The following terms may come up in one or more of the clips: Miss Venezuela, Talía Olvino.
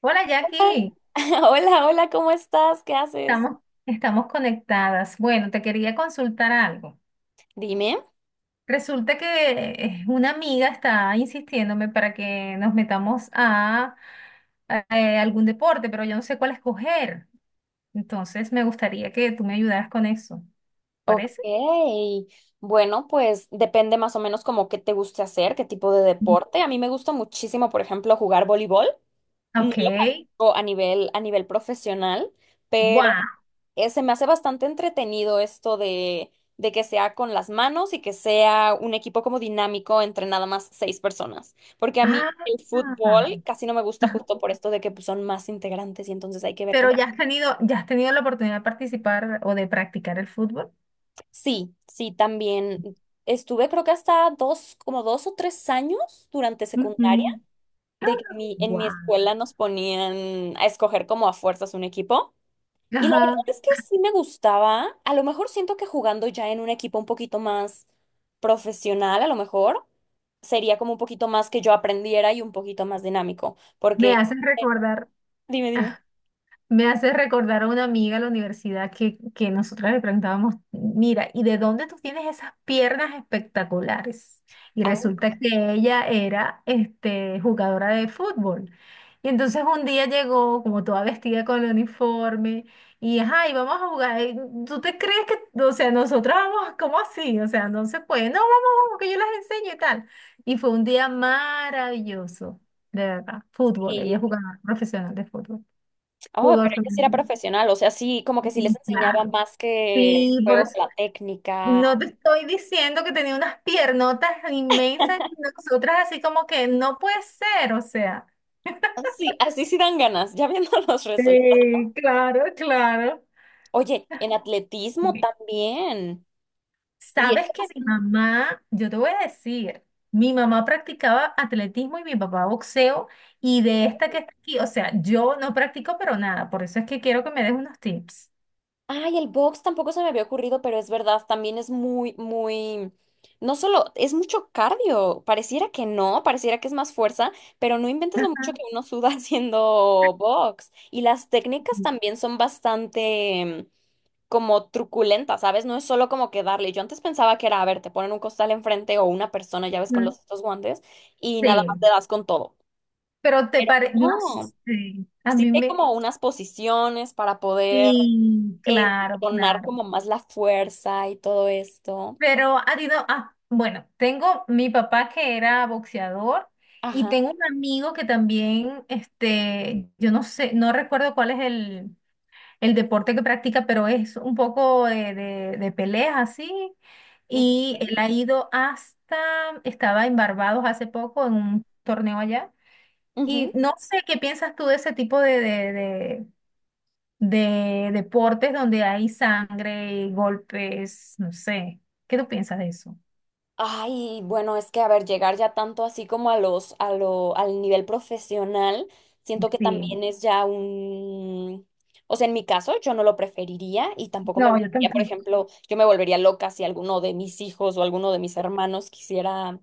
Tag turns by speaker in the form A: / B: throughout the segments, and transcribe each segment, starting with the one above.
A: Hola Jackie,
B: Hola, hola, ¿cómo estás? ¿Qué haces?
A: estamos, estamos conectadas. Bueno, te quería consultar algo.
B: Dime.
A: Resulta que una amiga está insistiéndome para que nos metamos a algún deporte, pero yo no sé cuál escoger. Entonces me gustaría que tú me ayudaras con eso.
B: Ok,
A: ¿Parece?
B: bueno, pues depende más o menos como qué te guste hacer, qué tipo de
A: Mm.
B: deporte. A mí me gusta muchísimo, por ejemplo, jugar voleibol. No
A: Ok.
B: lo practico a nivel profesional, pero
A: ¡Wow!
B: se me hace bastante entretenido esto de que sea con las manos y que sea un equipo como dinámico entre nada más 6 personas. Porque a mí
A: Ah,
B: el fútbol casi no me gusta justo por esto de que pues, son más integrantes y entonces hay que ver
A: pero
B: cómo.
A: ya has tenido la oportunidad de participar o de practicar el fútbol.
B: Sí, sí, también estuve creo que hasta como 2 o 3 años durante secundaria,
A: Ujú. ¡Ah!
B: de que en mi
A: Guau.
B: escuela nos ponían a escoger como a fuerzas un equipo. Y la verdad
A: Ajá.
B: es que sí me gustaba. A lo mejor siento que jugando ya en un equipo un poquito más profesional, a lo mejor sería como un poquito más que yo aprendiera y un poquito más dinámico.
A: Me hacen recordar.
B: Dime, dime.
A: Me hace recordar a una amiga de la universidad que nosotras le preguntábamos, mira, ¿y de dónde tú tienes esas piernas espectaculares? Y
B: Aún
A: resulta que ella era jugadora de fútbol. Y entonces un día llegó como toda vestida con el uniforme y, ajá, y vamos a jugar. Y ¿tú te crees que, o sea, nosotras vamos, ¿cómo así? O sea, no se puede. No, vamos, vamos, que yo las enseño y tal. Y fue un día maravilloso, de verdad. Fútbol, ella es
B: sí.
A: jugadora profesional de fútbol
B: Oh,
A: pudo
B: pero ella sí era
A: femenino.
B: profesional, o sea, sí, como que sí
A: Mm,
B: les enseñaba
A: claro.
B: más que el
A: Sí, por
B: juego,
A: eso.
B: que la técnica.
A: No te estoy diciendo que tenía unas piernotas inmensas y nosotras así como que no puede ser, o sea.
B: Sí, así sí dan ganas, ya viendo los resultados.
A: Sí, claro, claro.
B: Oye, en atletismo
A: Dime,
B: también. Y
A: ¿sabes
B: eso
A: que mi
B: bastante-.
A: mamá? Yo te voy a decir, mi mamá practicaba atletismo y mi papá boxeo, y de esta que está aquí, o sea, yo no practico pero nada, por eso es que quiero que me des unos tips.
B: Ay, el box tampoco se me había ocurrido, pero es verdad, también es muy, muy. No solo, es mucho cardio. Pareciera que no, pareciera que es más fuerza, pero no inventes lo
A: Ajá.
B: mucho que uno suda haciendo box. Y las técnicas
A: Ujú.
B: también son bastante como truculenta, ¿sabes? No es solo como que darle. Yo antes pensaba que era, a ver, te ponen un costal enfrente o una persona, ya ves, con los estos guantes y nada más te
A: Sí,
B: das con todo.
A: pero te
B: Pero
A: parece, no
B: no,
A: sé,
B: así que hay como unas posiciones para poder
A: sí, claro,
B: entonar
A: claro.
B: como más la fuerza y todo esto.
A: Pero ha ido, ah, bueno, tengo mi papá que era boxeador y
B: Ajá.
A: tengo un amigo que también, yo no sé, no recuerdo cuál es el deporte que practica, pero es un poco de peleas así. Y él ha ido hasta, estaba en Barbados hace poco en un torneo allá. Y
B: Ujú.
A: no sé qué piensas tú de ese tipo de deportes donde hay sangre, golpes, no sé. ¿Qué tú piensas de eso?
B: Ay, bueno, es que a ver, llegar ya tanto así como a los, a lo, al nivel profesional, siento que
A: Sí,
B: también es ya o sea, en mi caso yo no lo preferiría y tampoco me
A: no, yo
B: gustaría, por
A: tampoco.
B: ejemplo, yo me volvería loca si alguno de mis hijos o alguno de mis hermanos quisiera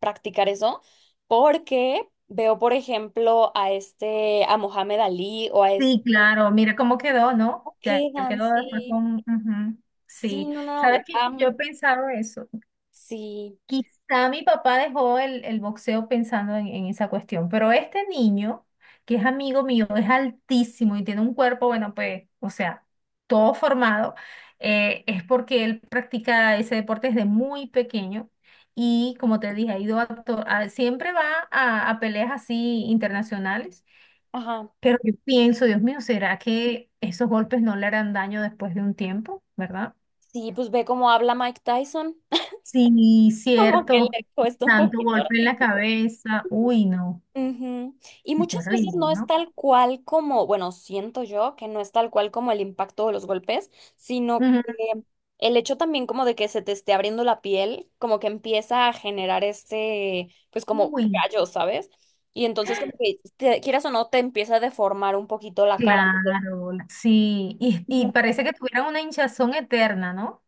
B: practicar eso, porque veo, por ejemplo, a Mohamed Ali o
A: Sí, claro, mira cómo quedó, ¿no? Ya él
B: quedan,
A: quedó después
B: sí,
A: con... ujú,
B: sí,
A: sí,
B: no, no,
A: sabes que
B: ya,
A: yo he pensado eso.
B: sí,
A: Quizá mi papá dejó el boxeo pensando en esa cuestión, pero este niño, que es amigo mío, es altísimo y tiene un cuerpo, bueno, pues, o sea, todo formado, es porque él practica ese deporte desde muy pequeño y, como te dije, ha ido a, to- a- siempre va a peleas así internacionales,
B: ajá,
A: pero yo pienso, Dios mío, ¿será que esos golpes no le harán daño después de un tiempo, ¿verdad?
B: sí, pues ve cómo habla Mike Tyson.
A: Sí,
B: Como que
A: cierto.
B: le cuesta un
A: Tanto
B: poquito
A: golpe en la
B: articular.
A: cabeza. Uy, no.
B: Ujú. Y
A: Qué
B: muchas veces
A: terrible,
B: no es
A: ¿no?
B: tal cual como, bueno, siento yo que no es tal cual como el impacto de los golpes, sino
A: Ujú.
B: que el hecho también como de que se te esté abriendo la piel, como que empieza a generar este, pues como
A: Uy,
B: callo, ¿sabes? Y entonces como que quieras o no te empieza a deformar un poquito la cara. Entonces,
A: claro. Sí.
B: no,
A: Y parece que tuvieran una hinchazón eterna, ¿no?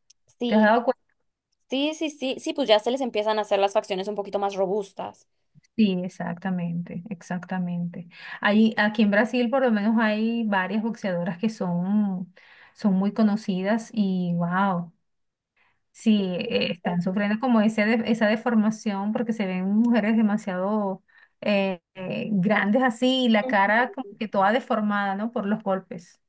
A: ¿Te has
B: sí,
A: dado cuenta?
B: sí, sí, sí, sí, pues ya se les empiezan a hacer las facciones un poquito más robustas.
A: Sí, exactamente, exactamente. Ahí, aquí en Brasil por lo menos hay varias boxeadoras que son, son muy conocidas y wow. Sí, están sufriendo como esa deformación porque se ven mujeres demasiado grandes así y la
B: Ujú.
A: cara como que toda deformada, ¿no? Por los golpes.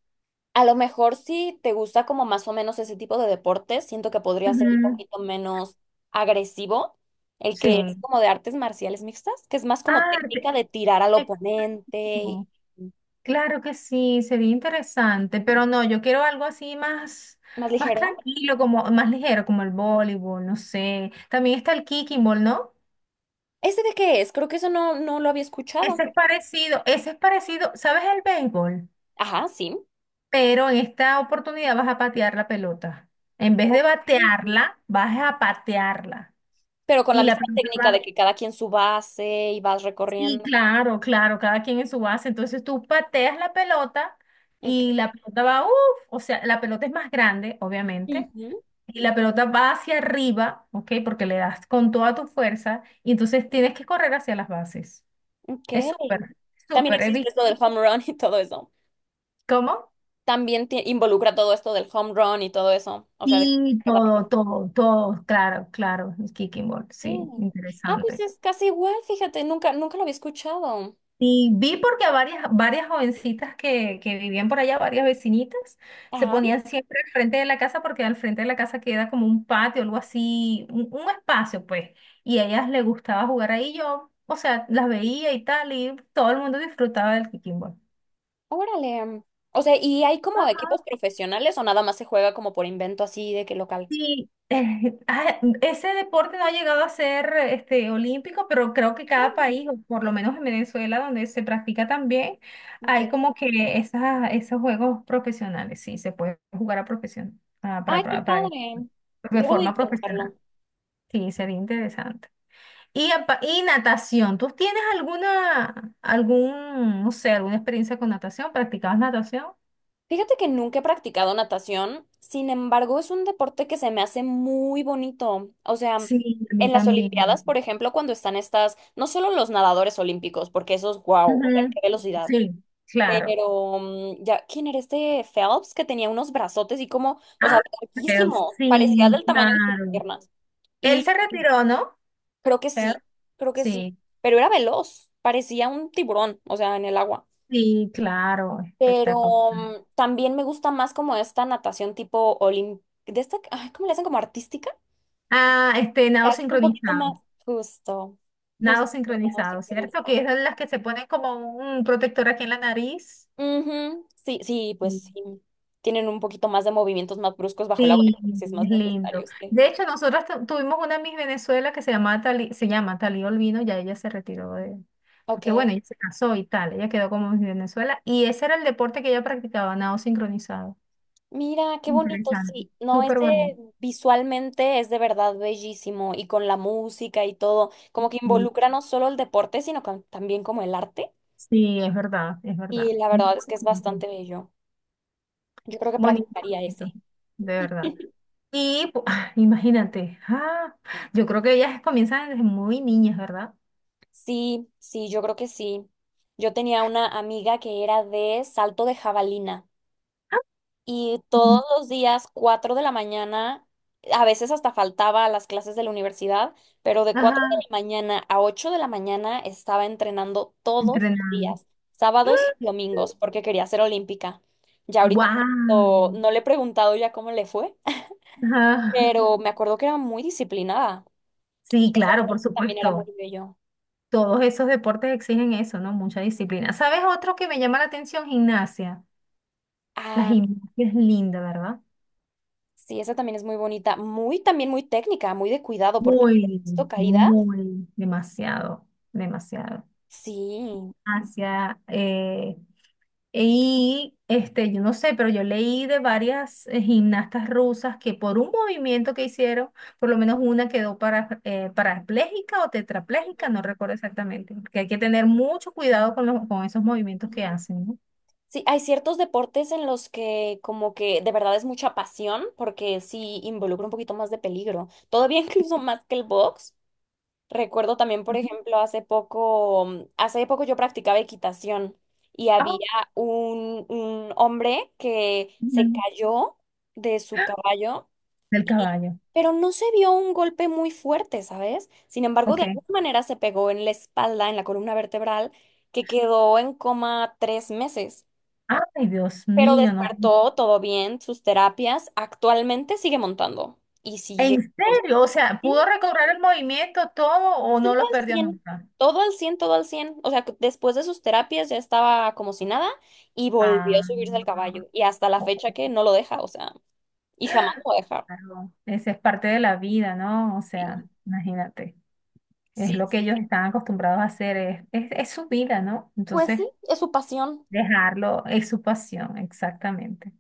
B: A lo mejor si te gusta como más o menos ese tipo de deportes, siento que podría ser un
A: Ujú.
B: poquito menos agresivo, el
A: Sí.
B: que es como de artes marciales mixtas, que es más como
A: Ah,
B: técnica de tirar al oponente y
A: no, claro que sí, sería interesante, pero no, yo quiero algo así más,
B: más
A: más
B: ligero.
A: tranquilo, como más ligero, como el voleibol, no sé. También está el kicking ball, ¿no?
B: ¿Ese de qué es? Creo que eso no, no lo había escuchado.
A: Ese es parecido, ¿sabes el béisbol?
B: Ajá, sí.
A: Pero en esta oportunidad vas a patear la pelota. En vez de
B: Ok.
A: batearla, vas a patearla.
B: Pero con
A: Y
B: la
A: la
B: misma
A: pelota
B: técnica de
A: va.
B: que cada quien su base y vas
A: Sí,
B: recorriendo.
A: claro, claro, cada quien en su base. Entonces tú pateas la pelota
B: Ok.
A: y la pelota va, uff, o sea, la pelota es más grande, obviamente.
B: Ujú,
A: Y la pelota va hacia arriba, ¿ok? Porque le das con toda tu fuerza y entonces tienes que correr hacia las bases. Es
B: ok.
A: súper,
B: También
A: súper. He
B: existe
A: visto.
B: esto del home run y todo eso.
A: ¿Cómo?
B: También involucra todo esto del home run y todo eso. O sea, de que
A: Sí,
B: sacas la
A: todo,
B: pelota.
A: todo, todo, claro, claro, el kicking ball,
B: Sí.
A: sí,
B: Ah, pues
A: interesante.
B: es casi igual, fíjate, nunca, nunca lo había escuchado.
A: Y vi porque a varias jovencitas que vivían por allá, varias vecinitas, se
B: Ajá,
A: ponían siempre al frente de la casa porque al frente de la casa queda como un patio, algo así, un espacio, pues. Y a ellas les gustaba jugar ahí, yo, o sea, las veía y tal, y todo el mundo disfrutaba del kicking ball.
B: órale. O sea, ¿y hay como equipos
A: Ajá.
B: profesionales o nada más se juega como por invento así de que local?
A: Sí, ah, ese deporte no ha llegado a ser olímpico, pero creo que cada
B: Órale.
A: país, o por lo menos en Venezuela, donde se practica también,
B: Ok.
A: hay como que esas, esos juegos profesionales, sí, se puede jugar a profesión, ah,
B: Ay, qué padre.
A: de
B: Debo de
A: forma profesional.
B: intentarlo.
A: Sí, sería interesante. Y, y natación, ¿tú tienes alguna, algún, no sé, alguna experiencia con natación? ¿Practicabas natación?
B: Fíjate que nunca he practicado natación, sin embargo, es un deporte que se me hace muy bonito. O sea,
A: Sí, a mí
B: en las
A: también.
B: Olimpiadas, por ejemplo, cuando están estas, no solo los nadadores olímpicos, porque esos, wow, o sea, qué
A: Ujú,
B: velocidad.
A: sí, claro.
B: Pero ya, ¿quién era este Phelps que tenía unos brazotes y como, o sea,
A: Ah, Sales,
B: larguísimo, parecía
A: sí,
B: del tamaño de sus
A: claro.
B: piernas?
A: Él
B: Y
A: se retiró, ¿no?
B: creo que sí,
A: Sales,
B: creo que sí,
A: sí,
B: pero era veloz, parecía un tiburón, o sea, en el agua.
A: sí, claro, espectacular.
B: Pero también me gusta más como esta natación tipo de esta, ay, ¿cómo le hacen? Como artística.
A: Ah,
B: Que
A: nado
B: hace un poquito más
A: sincronizado.
B: justo, justo,
A: Nado
B: no
A: sincronizado, ¿cierto? Que es
B: sincronizado.
A: de las que se ponen como un protector aquí en la nariz.
B: Ujú, sí, sí,
A: Mm.
B: pues sí. Tienen un poquito más de movimientos más bruscos bajo el agua,
A: Sí,
B: yo creo que sí es más
A: es
B: necesario
A: lindo.
B: este.
A: De hecho, nosotros tuvimos una Miss Venezuela que se llama se llama Talía Olvino, ya ella se retiró de,
B: Ok.
A: porque bueno, ella se casó y tal, ella quedó como Miss Venezuela, y ese era el deporte que ella practicaba, nado sincronizado.
B: Mira, qué bonito,
A: Interesante,
B: sí. No,
A: súper
B: ese
A: bonito.
B: visualmente es de verdad bellísimo y con la música y todo, como que
A: Sí,
B: involucra no solo el deporte, sino también como el arte.
A: sí, es verdad, es
B: Y
A: verdad.
B: la
A: Muy
B: verdad es que es
A: bonito,
B: bastante bello. Yo creo que
A: bonito,
B: practicaría
A: bonito,
B: ese.
A: de verdad. Ah, imagínate, ah, yo creo que ellas comienzan desde muy niñas, ¿verdad?
B: Sí, sí, yo creo que sí. Yo tenía una amiga que era de salto de jabalina
A: Ah,
B: y todos
A: ujú.
B: los días, 4 de la mañana, a veces hasta faltaba a las clases de la universidad, pero de 4 de
A: Ajá,
B: la mañana a 8 de la mañana estaba entrenando todos los
A: entrenando.
B: días, sábados y domingos, porque quería ser olímpica. Ya ahorita no,
A: ¡Wow!
B: no le he preguntado ya cómo le fue, pero me acuerdo que era muy disciplinada y
A: Sí,
B: ese
A: claro, por
B: deporte también era muy
A: supuesto.
B: bello.
A: Todos esos deportes exigen eso, ¿no? Mucha disciplina. ¿Sabes otro que me llama la atención? Gimnasia. La gimnasia es linda, ¿verdad?
B: Sí, esa también es muy bonita, muy también muy técnica, muy de cuidado, porque
A: Muy,
B: esto caída,
A: muy, demasiado, demasiado.
B: sí.
A: Hacia, y yo no sé, pero yo leí de varias gimnastas rusas que por un movimiento que hicieron, por lo menos una quedó para, parapléjica o tetrapléjica, no recuerdo exactamente, porque hay que tener mucho cuidado con, con esos movimientos que hacen, ¿no?
B: Sí, hay ciertos deportes en los que como que de verdad es mucha pasión, porque sí involucra un poquito más de peligro, todavía incluso más que el box. Recuerdo también, por
A: Ujú.
B: ejemplo, hace poco, yo practicaba equitación y había
A: Ah,
B: un hombre que se
A: ujú.
B: cayó de su caballo
A: Del
B: y-
A: caballo.
B: pero no se vio un golpe muy fuerte, ¿sabes? Sin embargo, de
A: Ok.
B: alguna manera se pegó en la espalda, en la columna vertebral, que quedó en coma 3 meses.
A: Ay, Dios
B: Pero
A: mío, no.
B: despertó todo bien, sus terapias, actualmente sigue montando y
A: ¿En
B: sigue
A: serio? O sea,
B: sí,
A: ¿pudo recobrar el movimiento todo o no
B: todo
A: lo
B: al
A: perdió
B: 100,
A: nunca?
B: todo al 100, todo al cien. O sea, que después de sus terapias ya estaba como si nada y
A: Ah,
B: volvió a subirse al caballo y hasta la
A: oh,
B: fecha que no lo deja, o sea, y jamás lo va a dejar.
A: claro. Esa es parte de la vida, ¿no? O
B: Y-
A: sea, imagínate. Es
B: Sí,
A: lo que
B: sí.
A: ellos están acostumbrados a hacer, es su vida, ¿no?
B: Pues
A: Entonces,
B: sí, es su pasión.
A: dejarlo es su pasión, exactamente.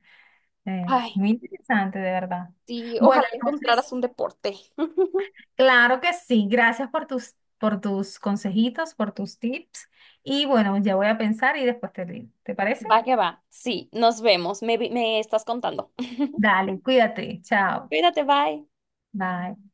B: Ay.
A: Muy interesante, de verdad.
B: Sí,
A: Bueno,
B: ojalá
A: entonces,
B: encontraras un deporte.
A: claro que sí. Gracias por tus consejitos, por tus tips. Y bueno, ya voy a pensar y después te digo. ¿Te parece?
B: Va que va. Sí, nos vemos. Me estás contando.
A: Dale, cuídate. Chao.
B: Cuídate, bye.
A: Bye.